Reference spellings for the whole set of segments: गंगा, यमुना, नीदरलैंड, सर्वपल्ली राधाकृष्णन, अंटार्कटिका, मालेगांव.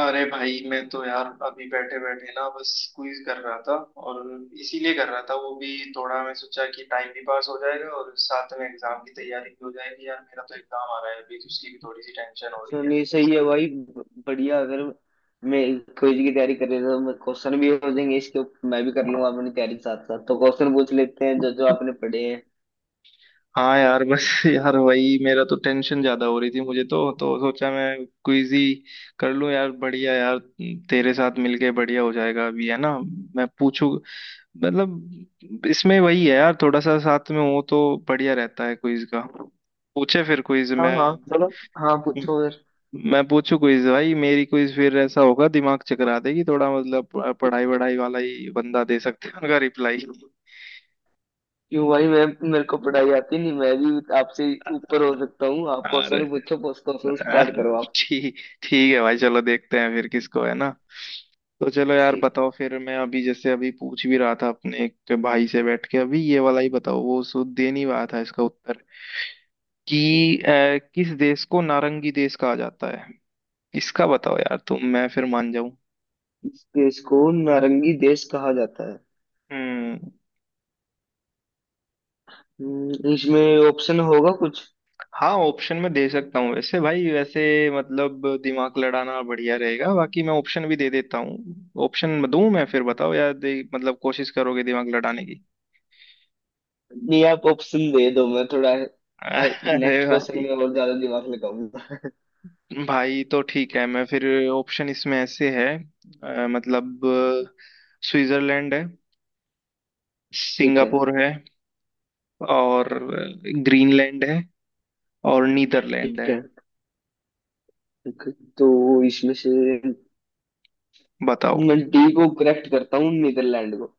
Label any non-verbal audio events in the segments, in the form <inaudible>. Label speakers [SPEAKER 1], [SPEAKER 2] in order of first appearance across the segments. [SPEAKER 1] अरे भाई, मैं तो यार अभी बैठे बैठे ना बस क्विज कर रहा था। और इसीलिए कर रहा था वो भी, थोड़ा मैं सोचा कि टाइम भी पास हो जाएगा और साथ में एग्जाम की तैयारी भी हो जाएगी। यार मेरा तो एग्जाम आ रहा है अभी, तो उसकी भी थोड़ी सी टेंशन हो रही है।
[SPEAKER 2] चलिए सही है भाई, बढ़िया। अगर मैं क्विज की तैयारी कर रही तो क्वेश्चन भी हो जाएंगे इसके ऊपर, मैं भी कर लूंगा अपनी तैयारी के साथ साथ। तो क्वेश्चन पूछ लेते हैं जो जो आपने पढ़े हैं।
[SPEAKER 1] हाँ यार बस <laughs> यार वही, मेरा तो टेंशन ज्यादा हो रही थी मुझे, तो सोचा मैं क्विज ही कर लूं यार। बढ़िया यार, तेरे साथ मिलके बढ़िया हो जाएगा अभी, है ना? मैं पूछू, मतलब इसमें वही है यार, थोड़ा सा साथ में हो तो बढ़िया रहता है क्विज का। पूछे फिर क्विज,
[SPEAKER 2] हाँ
[SPEAKER 1] मैं
[SPEAKER 2] हाँ, चलो। हाँ, पूछो फिर।
[SPEAKER 1] मैं पूछू क्विज भाई। मेरी क्विज फिर ऐसा होगा दिमाग चकरा देगी थोड़ा, मतलब पढ़ाई वढ़ाई वाला ही बंदा दे सकते हैं उनका रिप्लाई।
[SPEAKER 2] क्यों भाई, मैं मेरे को पढ़ाई आती नहीं, मैं भी आपसे ऊपर हो सकता हूँ। आप
[SPEAKER 1] अरे
[SPEAKER 2] क्वेश्चन पूछो, क्वेश्चन स्टार्ट करो आप।
[SPEAKER 1] ठीक ठीक है भाई, चलो देखते हैं फिर किसको, है ना? तो चलो यार
[SPEAKER 2] ठीक है।
[SPEAKER 1] बताओ फिर। मैं अभी जैसे अभी पूछ भी रहा था अपने एक भाई से बैठ के, अभी ये वाला ही बताओ, वो सो दे नहीं रहा था इसका उत्तर कि किस देश को नारंगी देश कहा जाता है? इसका बताओ यार तुम, मैं फिर मान जाऊं।
[SPEAKER 2] इस देश को नारंगी देश कहा जाता है।
[SPEAKER 1] हम्म।
[SPEAKER 2] इसमें ऑप्शन होगा कुछ?
[SPEAKER 1] हाँ, ऑप्शन में दे सकता हूँ वैसे भाई, वैसे मतलब दिमाग लड़ाना बढ़िया रहेगा। बाकी मैं ऑप्शन भी दे देता हूँ, ऑप्शन दूं मैं फिर बताओ यार, दे, मतलब कोशिश करोगे दिमाग लड़ाने की?
[SPEAKER 2] नहीं, आप ऑप्शन दे दो, मैं थोड़ा
[SPEAKER 1] <laughs> अरे
[SPEAKER 2] नेक्स्ट क्वेश्चन
[SPEAKER 1] भाई,
[SPEAKER 2] में और ज्यादा दिमाग लगाऊंगा।
[SPEAKER 1] भाई तो ठीक है मैं फिर ऑप्शन इसमें ऐसे है, मतलब स्विट्जरलैंड है,
[SPEAKER 2] ठीक है।
[SPEAKER 1] सिंगापुर है, और ग्रीनलैंड है, और नीदरलैंड
[SPEAKER 2] ठीक
[SPEAKER 1] है।
[SPEAKER 2] है। ठीक है। तो इसमें से
[SPEAKER 1] बताओ।
[SPEAKER 2] मैं डी को करेक्ट करता हूँ, नीदरलैंड को।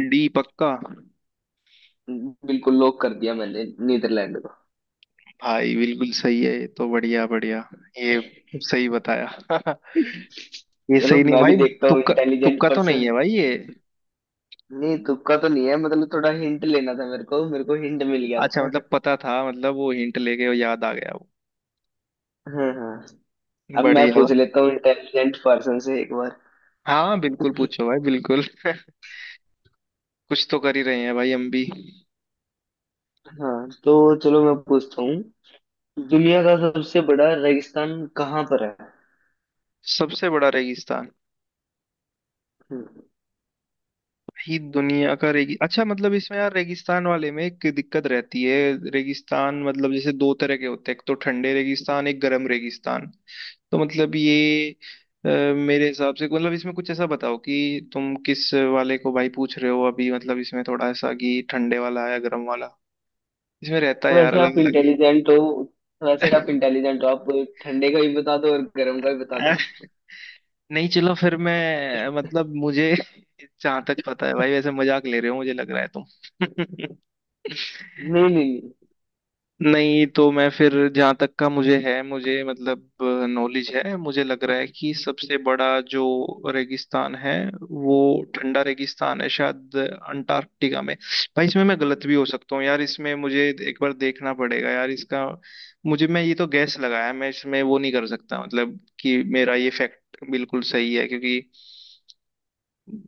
[SPEAKER 1] डी पक्का?
[SPEAKER 2] बिल्कुल लॉक कर दिया मैंने नीदरलैंड को।
[SPEAKER 1] भाई बिल्कुल सही है ये तो, बढ़िया बढ़िया ये, सही बताया। <laughs> ये
[SPEAKER 2] चलो,
[SPEAKER 1] सही नहीं
[SPEAKER 2] मैं भी
[SPEAKER 1] भाई।
[SPEAKER 2] देखता हूँ
[SPEAKER 1] तुक्का
[SPEAKER 2] इंटेलिजेंट
[SPEAKER 1] तुक्का तो नहीं है
[SPEAKER 2] पर्सन।
[SPEAKER 1] भाई ये।
[SPEAKER 2] नहीं, तुक्का तो नहीं है, मतलब थोड़ा हिंट लेना था मेरे को, मेरे को हिंट मिल गया
[SPEAKER 1] अच्छा,
[SPEAKER 2] था।
[SPEAKER 1] मतलब पता था, मतलब वो हिंट लेके वो याद आ गया वो।
[SPEAKER 2] हाँ हाँ। अब मैं
[SPEAKER 1] बढ़िया
[SPEAKER 2] पूछ
[SPEAKER 1] भाई।
[SPEAKER 2] लेता हूँ इंटेलिजेंट पर्सन से एक बार।
[SPEAKER 1] हाँ बिल्कुल पूछो भाई बिल्कुल। <laughs> कुछ तो कर ही रहे हैं भाई हम भी।
[SPEAKER 2] हाँ तो चलो, मैं पूछता हूँ। दुनिया का सबसे बड़ा रेगिस्तान कहाँ पर है?
[SPEAKER 1] सबसे बड़ा रेगिस्तान
[SPEAKER 2] हम्म।
[SPEAKER 1] ही दुनिया का रेगी अच्छा, मतलब इसमें यार रेगिस्तान वाले में एक दिक्कत रहती है। रेगिस्तान मतलब जैसे दो तरह के होते हैं, एक तो ठंडे रेगिस्तान, एक गर्म रेगिस्तान। तो मतलब ये अ, मेरे हिसाब से, मतलब इसमें कुछ ऐसा बताओ कि तुम किस वाले को भाई पूछ रहे हो अभी, मतलब इसमें थोड़ा ऐसा कि ठंडे वाला या गर्म वाला इसमें रहता है यार
[SPEAKER 2] वैसे
[SPEAKER 1] अलग
[SPEAKER 2] आप
[SPEAKER 1] अलग ही।
[SPEAKER 2] इंटेलिजेंट हो। वैसे आप
[SPEAKER 1] <laughs>
[SPEAKER 2] इंटेलिजेंट हो आप। ठंडे का भी बता दो और गर्म का भी बता दो।
[SPEAKER 1] नहीं चलो फिर मैं मतलब मुझे <laughs> जहाँ तक पता है भाई, वैसे मजाक ले रहे हो मुझे लग रहा है तुम।
[SPEAKER 2] नहीं नहीं
[SPEAKER 1] <laughs>
[SPEAKER 2] नहीं।
[SPEAKER 1] नहीं, तो मैं फिर जहाँ तक का मुझे है, मुझे मतलब नॉलेज है, मुझे लग रहा है कि सबसे बड़ा जो रेगिस्तान है वो ठंडा रेगिस्तान है शायद, अंटार्कटिका में। भाई इसमें मैं गलत भी हो सकता हूँ यार, इसमें मुझे एक बार देखना पड़ेगा यार इसका। मुझे, मैं ये तो गैस लगाया, मैं इसमें वो नहीं कर सकता मतलब कि मेरा ये फैक्ट बिल्कुल सही है, क्योंकि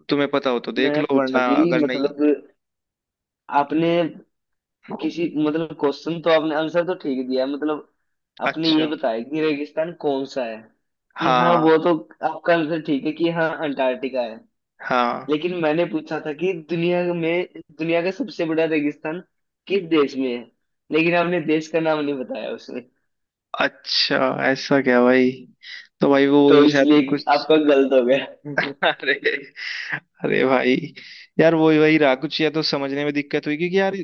[SPEAKER 1] तुम्हें पता हो तो देख
[SPEAKER 2] मैं
[SPEAKER 1] लो
[SPEAKER 2] पूछा
[SPEAKER 1] वरना
[SPEAKER 2] कि,
[SPEAKER 1] अगर नहीं।
[SPEAKER 2] मतलब आपने, किसी मतलब क्वेश्चन तो आपने आंसर तो ठीक दिया है, मतलब आपने ये
[SPEAKER 1] अच्छा।
[SPEAKER 2] बताया कि रेगिस्तान कौन सा है, कि हाँ
[SPEAKER 1] हाँ
[SPEAKER 2] वो तो, आपका आंसर ठीक है कि हाँ अंटार्कटिका है।
[SPEAKER 1] हाँ हाँ।
[SPEAKER 2] लेकिन मैंने पूछा था कि दुनिया में, दुनिया का सबसे बड़ा रेगिस्तान किस देश में है, लेकिन आपने देश का नाम नहीं बताया उसमें।
[SPEAKER 1] अच्छा, ऐसा क्या भाई? तो भाई वो
[SPEAKER 2] तो
[SPEAKER 1] शायद
[SPEAKER 2] इसलिए
[SPEAKER 1] कुछ
[SPEAKER 2] आपका गलत हो गया।
[SPEAKER 1] <laughs> अरे, अरे भाई यार, वही वही रहा कुछ, या तो समझने में दिक्कत हुई, क्योंकि यार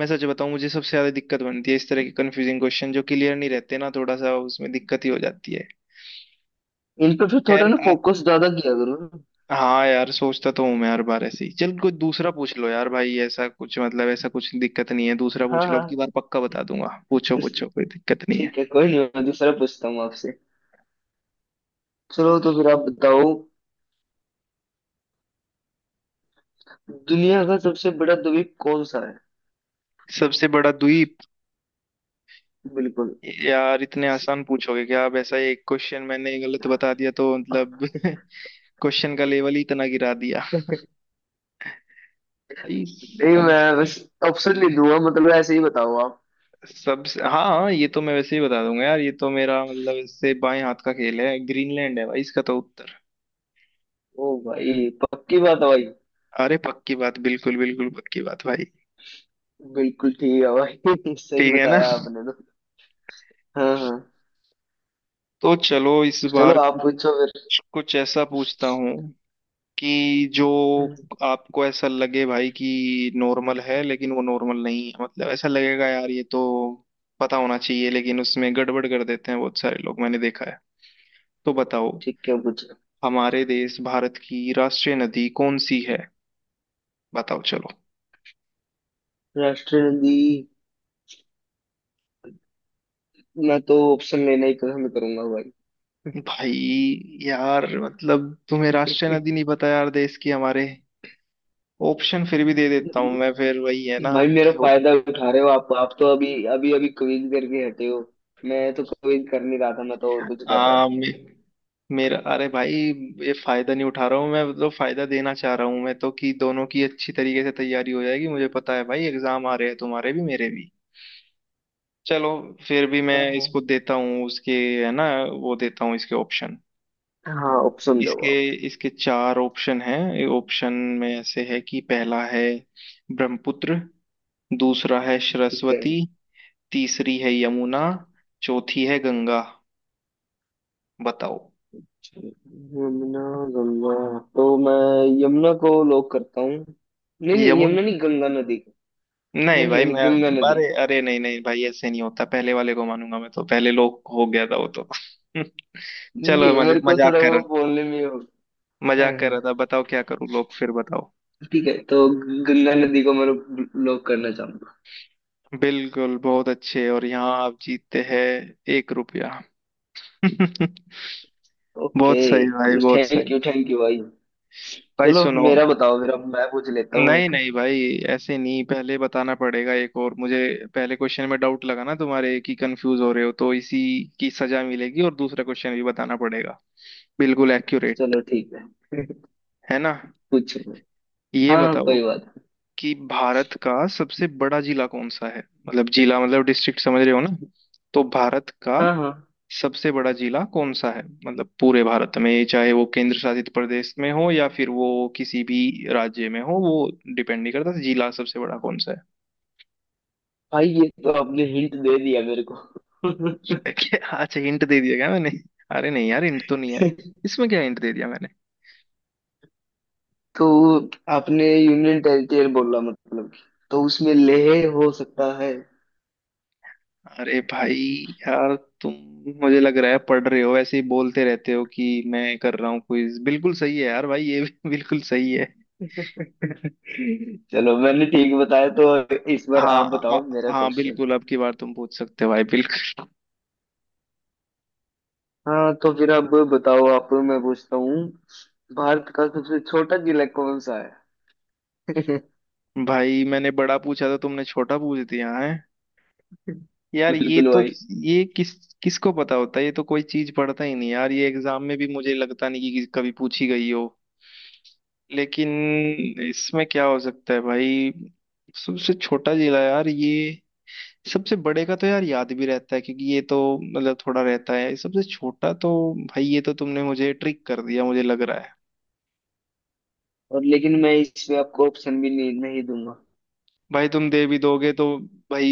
[SPEAKER 1] मैं सच बताऊं मुझे सबसे ज्यादा दिक्कत बनती है इस तरह के कंफ्यूजिंग क्वेश्चन, जो क्लियर नहीं रहते ना, थोड़ा सा उसमें दिक्कत ही हो जाती है।
[SPEAKER 2] <laughs> इन पे फिर थोड़ा
[SPEAKER 1] खैर
[SPEAKER 2] ना फोकस ज्यादा किया करो ना।
[SPEAKER 1] हाँ यार, सोचता तो हूँ मैं हर बार ऐसे ही। चल, कोई दूसरा पूछ लो यार भाई, ऐसा कुछ मतलब ऐसा कुछ दिक्कत नहीं है, दूसरा
[SPEAKER 2] हाँ
[SPEAKER 1] पूछ लो, अब की
[SPEAKER 2] हाँ।
[SPEAKER 1] बार पक्का बता दूंगा, पूछो
[SPEAKER 2] दूस-
[SPEAKER 1] पूछो कोई दिक्कत नहीं है।
[SPEAKER 2] ठीक है, कोई नहीं, मैं दूसरा पूछता हूँ आपसे। चलो तो फिर आप बताओ, दुनिया का सबसे बड़ा द्वीप कौन सा है?
[SPEAKER 1] सबसे बड़ा द्वीप?
[SPEAKER 2] बिल्कुल।
[SPEAKER 1] यार इतने आसान पूछोगे क्या आप? ऐसा एक क्वेश्चन मैंने गलत बता दिया तो मतलब <laughs> क्वेश्चन का लेवल ही इतना गिरा दिया
[SPEAKER 2] <laughs>
[SPEAKER 1] भाई।
[SPEAKER 2] नहीं,
[SPEAKER 1] सब
[SPEAKER 2] मैं बस ऑप्शन ले दूंगा, मतलब ऐसे ही बताओ आप।
[SPEAKER 1] सब हाँ हाँ, ये तो मैं वैसे ही बता दूंगा यार, ये तो मेरा मतलब इससे बाएं हाथ का खेल है। ग्रीनलैंड है भाई इसका तो उत्तर।
[SPEAKER 2] ओ भाई, पक्की बात है भाई।
[SPEAKER 1] अरे पक्की बात, बिल्कुल बिल्कुल पक्की बात भाई।
[SPEAKER 2] बिल्कुल ठीक है भाई। <laughs> सही
[SPEAKER 1] ठीक है ना?
[SPEAKER 2] बताया आपने तो। हाँ हाँ।
[SPEAKER 1] तो चलो इस
[SPEAKER 2] चलो,
[SPEAKER 1] बार
[SPEAKER 2] आप
[SPEAKER 1] कुछ,
[SPEAKER 2] पूछो फिर।
[SPEAKER 1] कुछ ऐसा पूछता हूँ कि जो
[SPEAKER 2] हम्म।
[SPEAKER 1] आपको ऐसा लगे भाई कि नॉर्मल है लेकिन वो नॉर्मल नहीं है, मतलब ऐसा लगेगा यार ये तो पता होना चाहिए, लेकिन उसमें गड़बड़ कर देते हैं बहुत सारे लोग मैंने देखा है। तो बताओ,
[SPEAKER 2] ठीक है, पूछो।
[SPEAKER 1] हमारे देश भारत की राष्ट्रीय नदी कौन सी है? बताओ चलो।
[SPEAKER 2] राष्ट्रीय नदी? मैं तो ऑप्शन लेना ही पसंद करूंगा
[SPEAKER 1] भाई यार मतलब तुम्हें राष्ट्रीय
[SPEAKER 2] भाई।
[SPEAKER 1] नदी नहीं पता यार, देश की हमारे? ऑप्शन फिर भी दे देता हूँ मैं, फिर वही है
[SPEAKER 2] <laughs>
[SPEAKER 1] ना
[SPEAKER 2] भाई मेरा
[SPEAKER 1] कि
[SPEAKER 2] फायदा उठा रहे हो आप तो अभी अभी अभी क्विज करके हटे हो। मैं तो क्विज कर नहीं रहा था, मैं तो और कुछ कर रहा
[SPEAKER 1] आ,
[SPEAKER 2] था।
[SPEAKER 1] मे, मेरा, अरे भाई ये फायदा नहीं उठा रहा हूँ मैं, मतलब फायदा देना चाह रहा हूँ मैं तो, कि दोनों की अच्छी तरीके से तैयारी हो जाएगी। मुझे पता है भाई एग्जाम आ रहे हैं तुम्हारे भी, मेरे भी। चलो फिर भी मैं
[SPEAKER 2] हाँ हाँ।
[SPEAKER 1] इसको देता हूँ उसके, है ना? वो देता हूँ इसके ऑप्शन।
[SPEAKER 2] हाँ, ऑप्शन दो
[SPEAKER 1] इसके
[SPEAKER 2] आप।
[SPEAKER 1] इसके चार ऑप्शन हैं। ऑप्शन में ऐसे है कि पहला है ब्रह्मपुत्र, दूसरा है
[SPEAKER 2] ठीक है।
[SPEAKER 1] सरस्वती, तीसरी है यमुना, चौथी है गंगा। बताओ।
[SPEAKER 2] यमुना, गंगा, तो मैं यमुना को लॉक करता हूँ। नहीं नहीं,
[SPEAKER 1] यमुन
[SPEAKER 2] यमुना नहीं, गंगा नदी को।
[SPEAKER 1] नहीं
[SPEAKER 2] नहीं
[SPEAKER 1] भाई
[SPEAKER 2] नहीं नहीं,
[SPEAKER 1] मैं,
[SPEAKER 2] गंगा
[SPEAKER 1] अरे
[SPEAKER 2] नदी।
[SPEAKER 1] अरे नहीं नहीं भाई, ऐसे नहीं होता, पहले वाले को मानूंगा मैं तो, पहले लोग हो गया था वो तो। <laughs> चलो
[SPEAKER 2] नहीं, मेरे को थोड़ा
[SPEAKER 1] मजाक कर
[SPEAKER 2] वो
[SPEAKER 1] रहा,
[SPEAKER 2] बोलने में हो। है
[SPEAKER 1] मजाक कर
[SPEAKER 2] है।
[SPEAKER 1] रहा था, बताओ क्या करूं लोग फिर बताओ।
[SPEAKER 2] ठीक है, तो गंगा नदी को मैं ब्लॉक करना चाहूंगा।
[SPEAKER 1] बिल्कुल, बहुत अच्छे, और यहाँ आप जीतते हैं एक रुपया। <laughs>
[SPEAKER 2] ओके,
[SPEAKER 1] बहुत सही भाई बहुत सही।
[SPEAKER 2] थैंक यू, थैंक यू भाई।
[SPEAKER 1] भाई
[SPEAKER 2] चलो,
[SPEAKER 1] सुनो,
[SPEAKER 2] मेरा बताओ, मेरा मैं पूछ लेता हूँ
[SPEAKER 1] नहीं
[SPEAKER 2] एक।
[SPEAKER 1] नहीं भाई ऐसे नहीं, पहले बताना पड़ेगा एक और मुझे। पहले क्वेश्चन में डाउट लगा ना तुम्हारे कि कंफ्यूज हो रहे हो, तो इसी की सजा मिलेगी, और दूसरा क्वेश्चन भी बताना पड़ेगा, बिल्कुल एक्यूरेट।
[SPEAKER 2] चलो ठीक है।
[SPEAKER 1] है ना?
[SPEAKER 2] <laughs> पूछो।
[SPEAKER 1] ये
[SPEAKER 2] हाँ,
[SPEAKER 1] बताओ
[SPEAKER 2] कोई बात नहीं।
[SPEAKER 1] कि भारत का सबसे बड़ा जिला कौन सा है? मतलब जिला मतलब डिस्ट्रिक्ट, समझ रहे हो ना? तो भारत का
[SPEAKER 2] हाँ हाँ।
[SPEAKER 1] सबसे बड़ा जिला कौन सा है, मतलब पूरे भारत में, चाहे वो केंद्र शासित प्रदेश में हो या फिर वो किसी भी राज्य में हो, वो डिपेंड नहीं करता, जिला सबसे बड़ा कौन सा है।
[SPEAKER 2] भाई, ये तो आपने हिंट दे दिया मेरे को।
[SPEAKER 1] <laughs> अच्छा, हिंट दे दिया क्या मैंने? अरे नहीं यार, हिंट तो नहीं है, इसमें क्या हिंट दे दिया मैंने?
[SPEAKER 2] <laughs> तो आपने यूनियन टेरिटरी बोला, मतलब कि तो उसमें लेह हो सकता है।
[SPEAKER 1] अरे भाई यार तुम, मुझे लग रहा है पढ़ रहे हो, ऐसे ही बोलते रहते हो कि मैं कर रहा हूँ क्विज। बिल्कुल सही है यार भाई, ये भी <laughs> बिल्कुल सही है।
[SPEAKER 2] चलो, मैंने ठीक बताया तो इस बार आप
[SPEAKER 1] हाँ
[SPEAKER 2] बताओ मेरा
[SPEAKER 1] हाँ
[SPEAKER 2] क्वेश्चन।
[SPEAKER 1] बिल्कुल, अब की बार तुम पूछ सकते हो भाई बिल्कुल।
[SPEAKER 2] हाँ तो फिर अब बताओ आप, मैं पूछता हूँ। भारत का सबसे छोटा जिला कौन सा है? <laughs>
[SPEAKER 1] <laughs> भाई, मैंने बड़ा पूछा था, तुमने छोटा पूछ दिया है। यार ये
[SPEAKER 2] बिल्कुल
[SPEAKER 1] तो,
[SPEAKER 2] भाई।
[SPEAKER 1] ये किसको पता होता है ये तो, कोई चीज पढ़ता ही नहीं यार ये, एग्जाम में भी मुझे लगता नहीं कि कभी पूछी गई हो। लेकिन इसमें क्या हो सकता है भाई, सबसे छोटा जिला? यार ये सबसे बड़े का तो यार याद भी रहता है, क्योंकि ये तो मतलब थोड़ा रहता है, सबसे छोटा तो भाई ये तो तुमने मुझे ट्रिक कर दिया मुझे लग रहा है।
[SPEAKER 2] और लेकिन मैं इसमें आपको ऑप्शन भी नहीं नहीं दूंगा।
[SPEAKER 1] भाई तुम दे भी दोगे तो भाई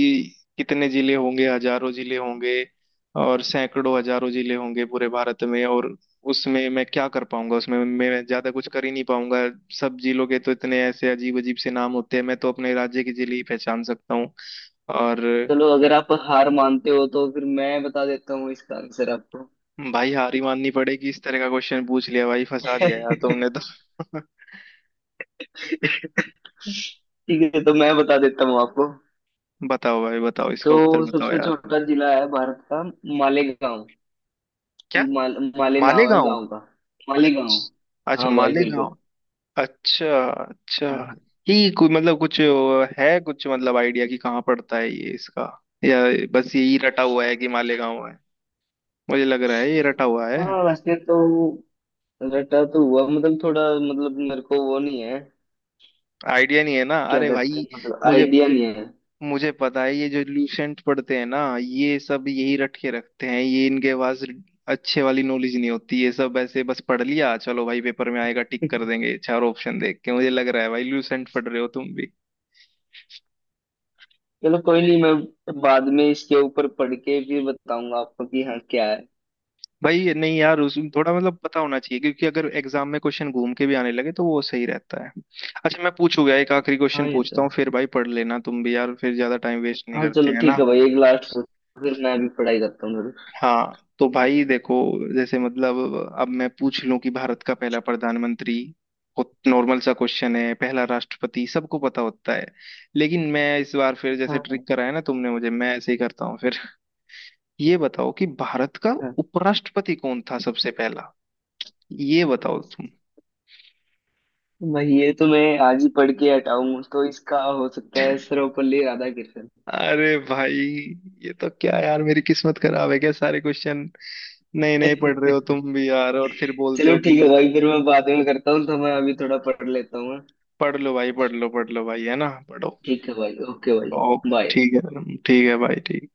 [SPEAKER 1] कितने जिले होंगे, हजारों जिले होंगे, और सैकड़ों हजारों जिले होंगे पूरे भारत में, और उसमें मैं क्या कर पाऊंगा, उसमें मैं ज्यादा कुछ कर ही नहीं पाऊंगा। सब जिलों के तो इतने ऐसे अजीब अजीब से नाम होते हैं, मैं तो अपने राज्य के जिले ही पहचान सकता हूँ। और
[SPEAKER 2] चलो, अगर आप हार मानते हो तो फिर मैं बता देता हूँ इसका आंसर आपको।
[SPEAKER 1] भाई हार ही माननी पड़ेगी, इस तरह का क्वेश्चन पूछ लिया भाई, फंसा दिया यार तुमने तो।
[SPEAKER 2] <laughs>
[SPEAKER 1] <laughs>
[SPEAKER 2] ठीक है, तो मैं बता देता हूँ आपको।
[SPEAKER 1] बताओ भाई, बताओ
[SPEAKER 2] तो
[SPEAKER 1] इसका उत्तर बताओ
[SPEAKER 2] सबसे
[SPEAKER 1] यार।
[SPEAKER 2] छोटा जिला है भारत का मालेगांव।
[SPEAKER 1] क्या?
[SPEAKER 2] माले नाम है
[SPEAKER 1] मालेगांव?
[SPEAKER 2] गांव का, मालेगांव।
[SPEAKER 1] अच्छा, अच्छा
[SPEAKER 2] हाँ भाई,
[SPEAKER 1] मालेगांव।
[SPEAKER 2] बिल्कुल।
[SPEAKER 1] अच्छा अच्छा।
[SPEAKER 2] हाँ हाँ।
[SPEAKER 1] ये कोई मतलब कुछ है, कुछ मतलब आइडिया कि कहाँ पड़ता है ये इसका, या बस यही रटा हुआ है कि मालेगांव है? मुझे लग रहा है ये रटा हुआ है।
[SPEAKER 2] हाँ, वैसे तो रटा तो हुआ, मतलब थोड़ा, मतलब मेरे को वो नहीं है
[SPEAKER 1] आइडिया नहीं है ना?
[SPEAKER 2] क्या
[SPEAKER 1] अरे
[SPEAKER 2] कहते
[SPEAKER 1] भाई,
[SPEAKER 2] हैं, मतलब
[SPEAKER 1] मुझे
[SPEAKER 2] आइडिया नहीं है।
[SPEAKER 1] मुझे पता है, ये जो लूसेंट पढ़ते हैं ना ये सब, यही रट के रखते हैं ये, इनके पास अच्छे वाली नॉलेज नहीं होती, ये सब ऐसे बस पढ़ लिया, चलो भाई पेपर में आएगा टिक कर
[SPEAKER 2] <laughs>
[SPEAKER 1] देंगे चार ऑप्शन देख के। मुझे लग रहा है भाई लूसेंट पढ़ रहे हो तुम भी।
[SPEAKER 2] चलो, कोई नहीं, मैं बाद में इसके ऊपर पढ़ के फिर बताऊंगा आपको कि हाँ क्या है।
[SPEAKER 1] भाई ये नहीं यार, उस थोड़ा मतलब पता होना चाहिए, क्योंकि अगर एग्जाम में क्वेश्चन घूम के भी आने लगे तो वो सही रहता है। अच्छा मैं पूछूंगा एक आखिरी
[SPEAKER 2] हाँ,
[SPEAKER 1] क्वेश्चन,
[SPEAKER 2] ये तो
[SPEAKER 1] पूछता हूँ
[SPEAKER 2] है।
[SPEAKER 1] फिर भाई पढ़ लेना तुम भी यार, फिर ज्यादा टाइम वेस्ट नहीं
[SPEAKER 2] हाँ,
[SPEAKER 1] करते
[SPEAKER 2] चलो
[SPEAKER 1] हैं
[SPEAKER 2] ठीक
[SPEAKER 1] ना।
[SPEAKER 2] है भाई, एक लास्ट पूछ, फिर मैं भी पढ़ाई करता हूँ थोड़ी।
[SPEAKER 1] हाँ तो भाई देखो, जैसे मतलब अब मैं पूछ लूं कि भारत का पहला प्रधानमंत्री, बहुत नॉर्मल सा क्वेश्चन है, पहला राष्ट्रपति सबको पता होता है, लेकिन मैं इस बार फिर जैसे
[SPEAKER 2] हाँ हाँ।
[SPEAKER 1] ट्रिक कराया ना तुमने मुझे, मैं ऐसे ही करता हूँ फिर। <laughs> ये बताओ कि भारत का
[SPEAKER 2] हाँ।
[SPEAKER 1] उपराष्ट्रपति कौन था सबसे पहला, ये बताओ तुम।
[SPEAKER 2] भाई, ये तो मैं आज ही पढ़ के हटाऊं, तो इसका हो सकता है सर्वपल्ली राधाकृष्णन।
[SPEAKER 1] अरे भाई ये तो क्या यार, मेरी किस्मत खराब है क्या, सारे क्वेश्चन नए नए पढ़ रहे हो
[SPEAKER 2] <laughs>
[SPEAKER 1] तुम भी यार, और फिर बोलते
[SPEAKER 2] चलो
[SPEAKER 1] हो कि
[SPEAKER 2] ठीक है भाई, फिर मैं बाद में करता हूँ, तो मैं अभी थोड़ा पढ़ लेता हूँ, हाँ?
[SPEAKER 1] पढ़ लो भाई पढ़ लो, पढ़ लो भाई, है ना? पढ़ो।
[SPEAKER 2] ठीक है भाई, ओके भाई,
[SPEAKER 1] ओ
[SPEAKER 2] बाय।
[SPEAKER 1] ठीक है, ठीक है भाई, ठीक।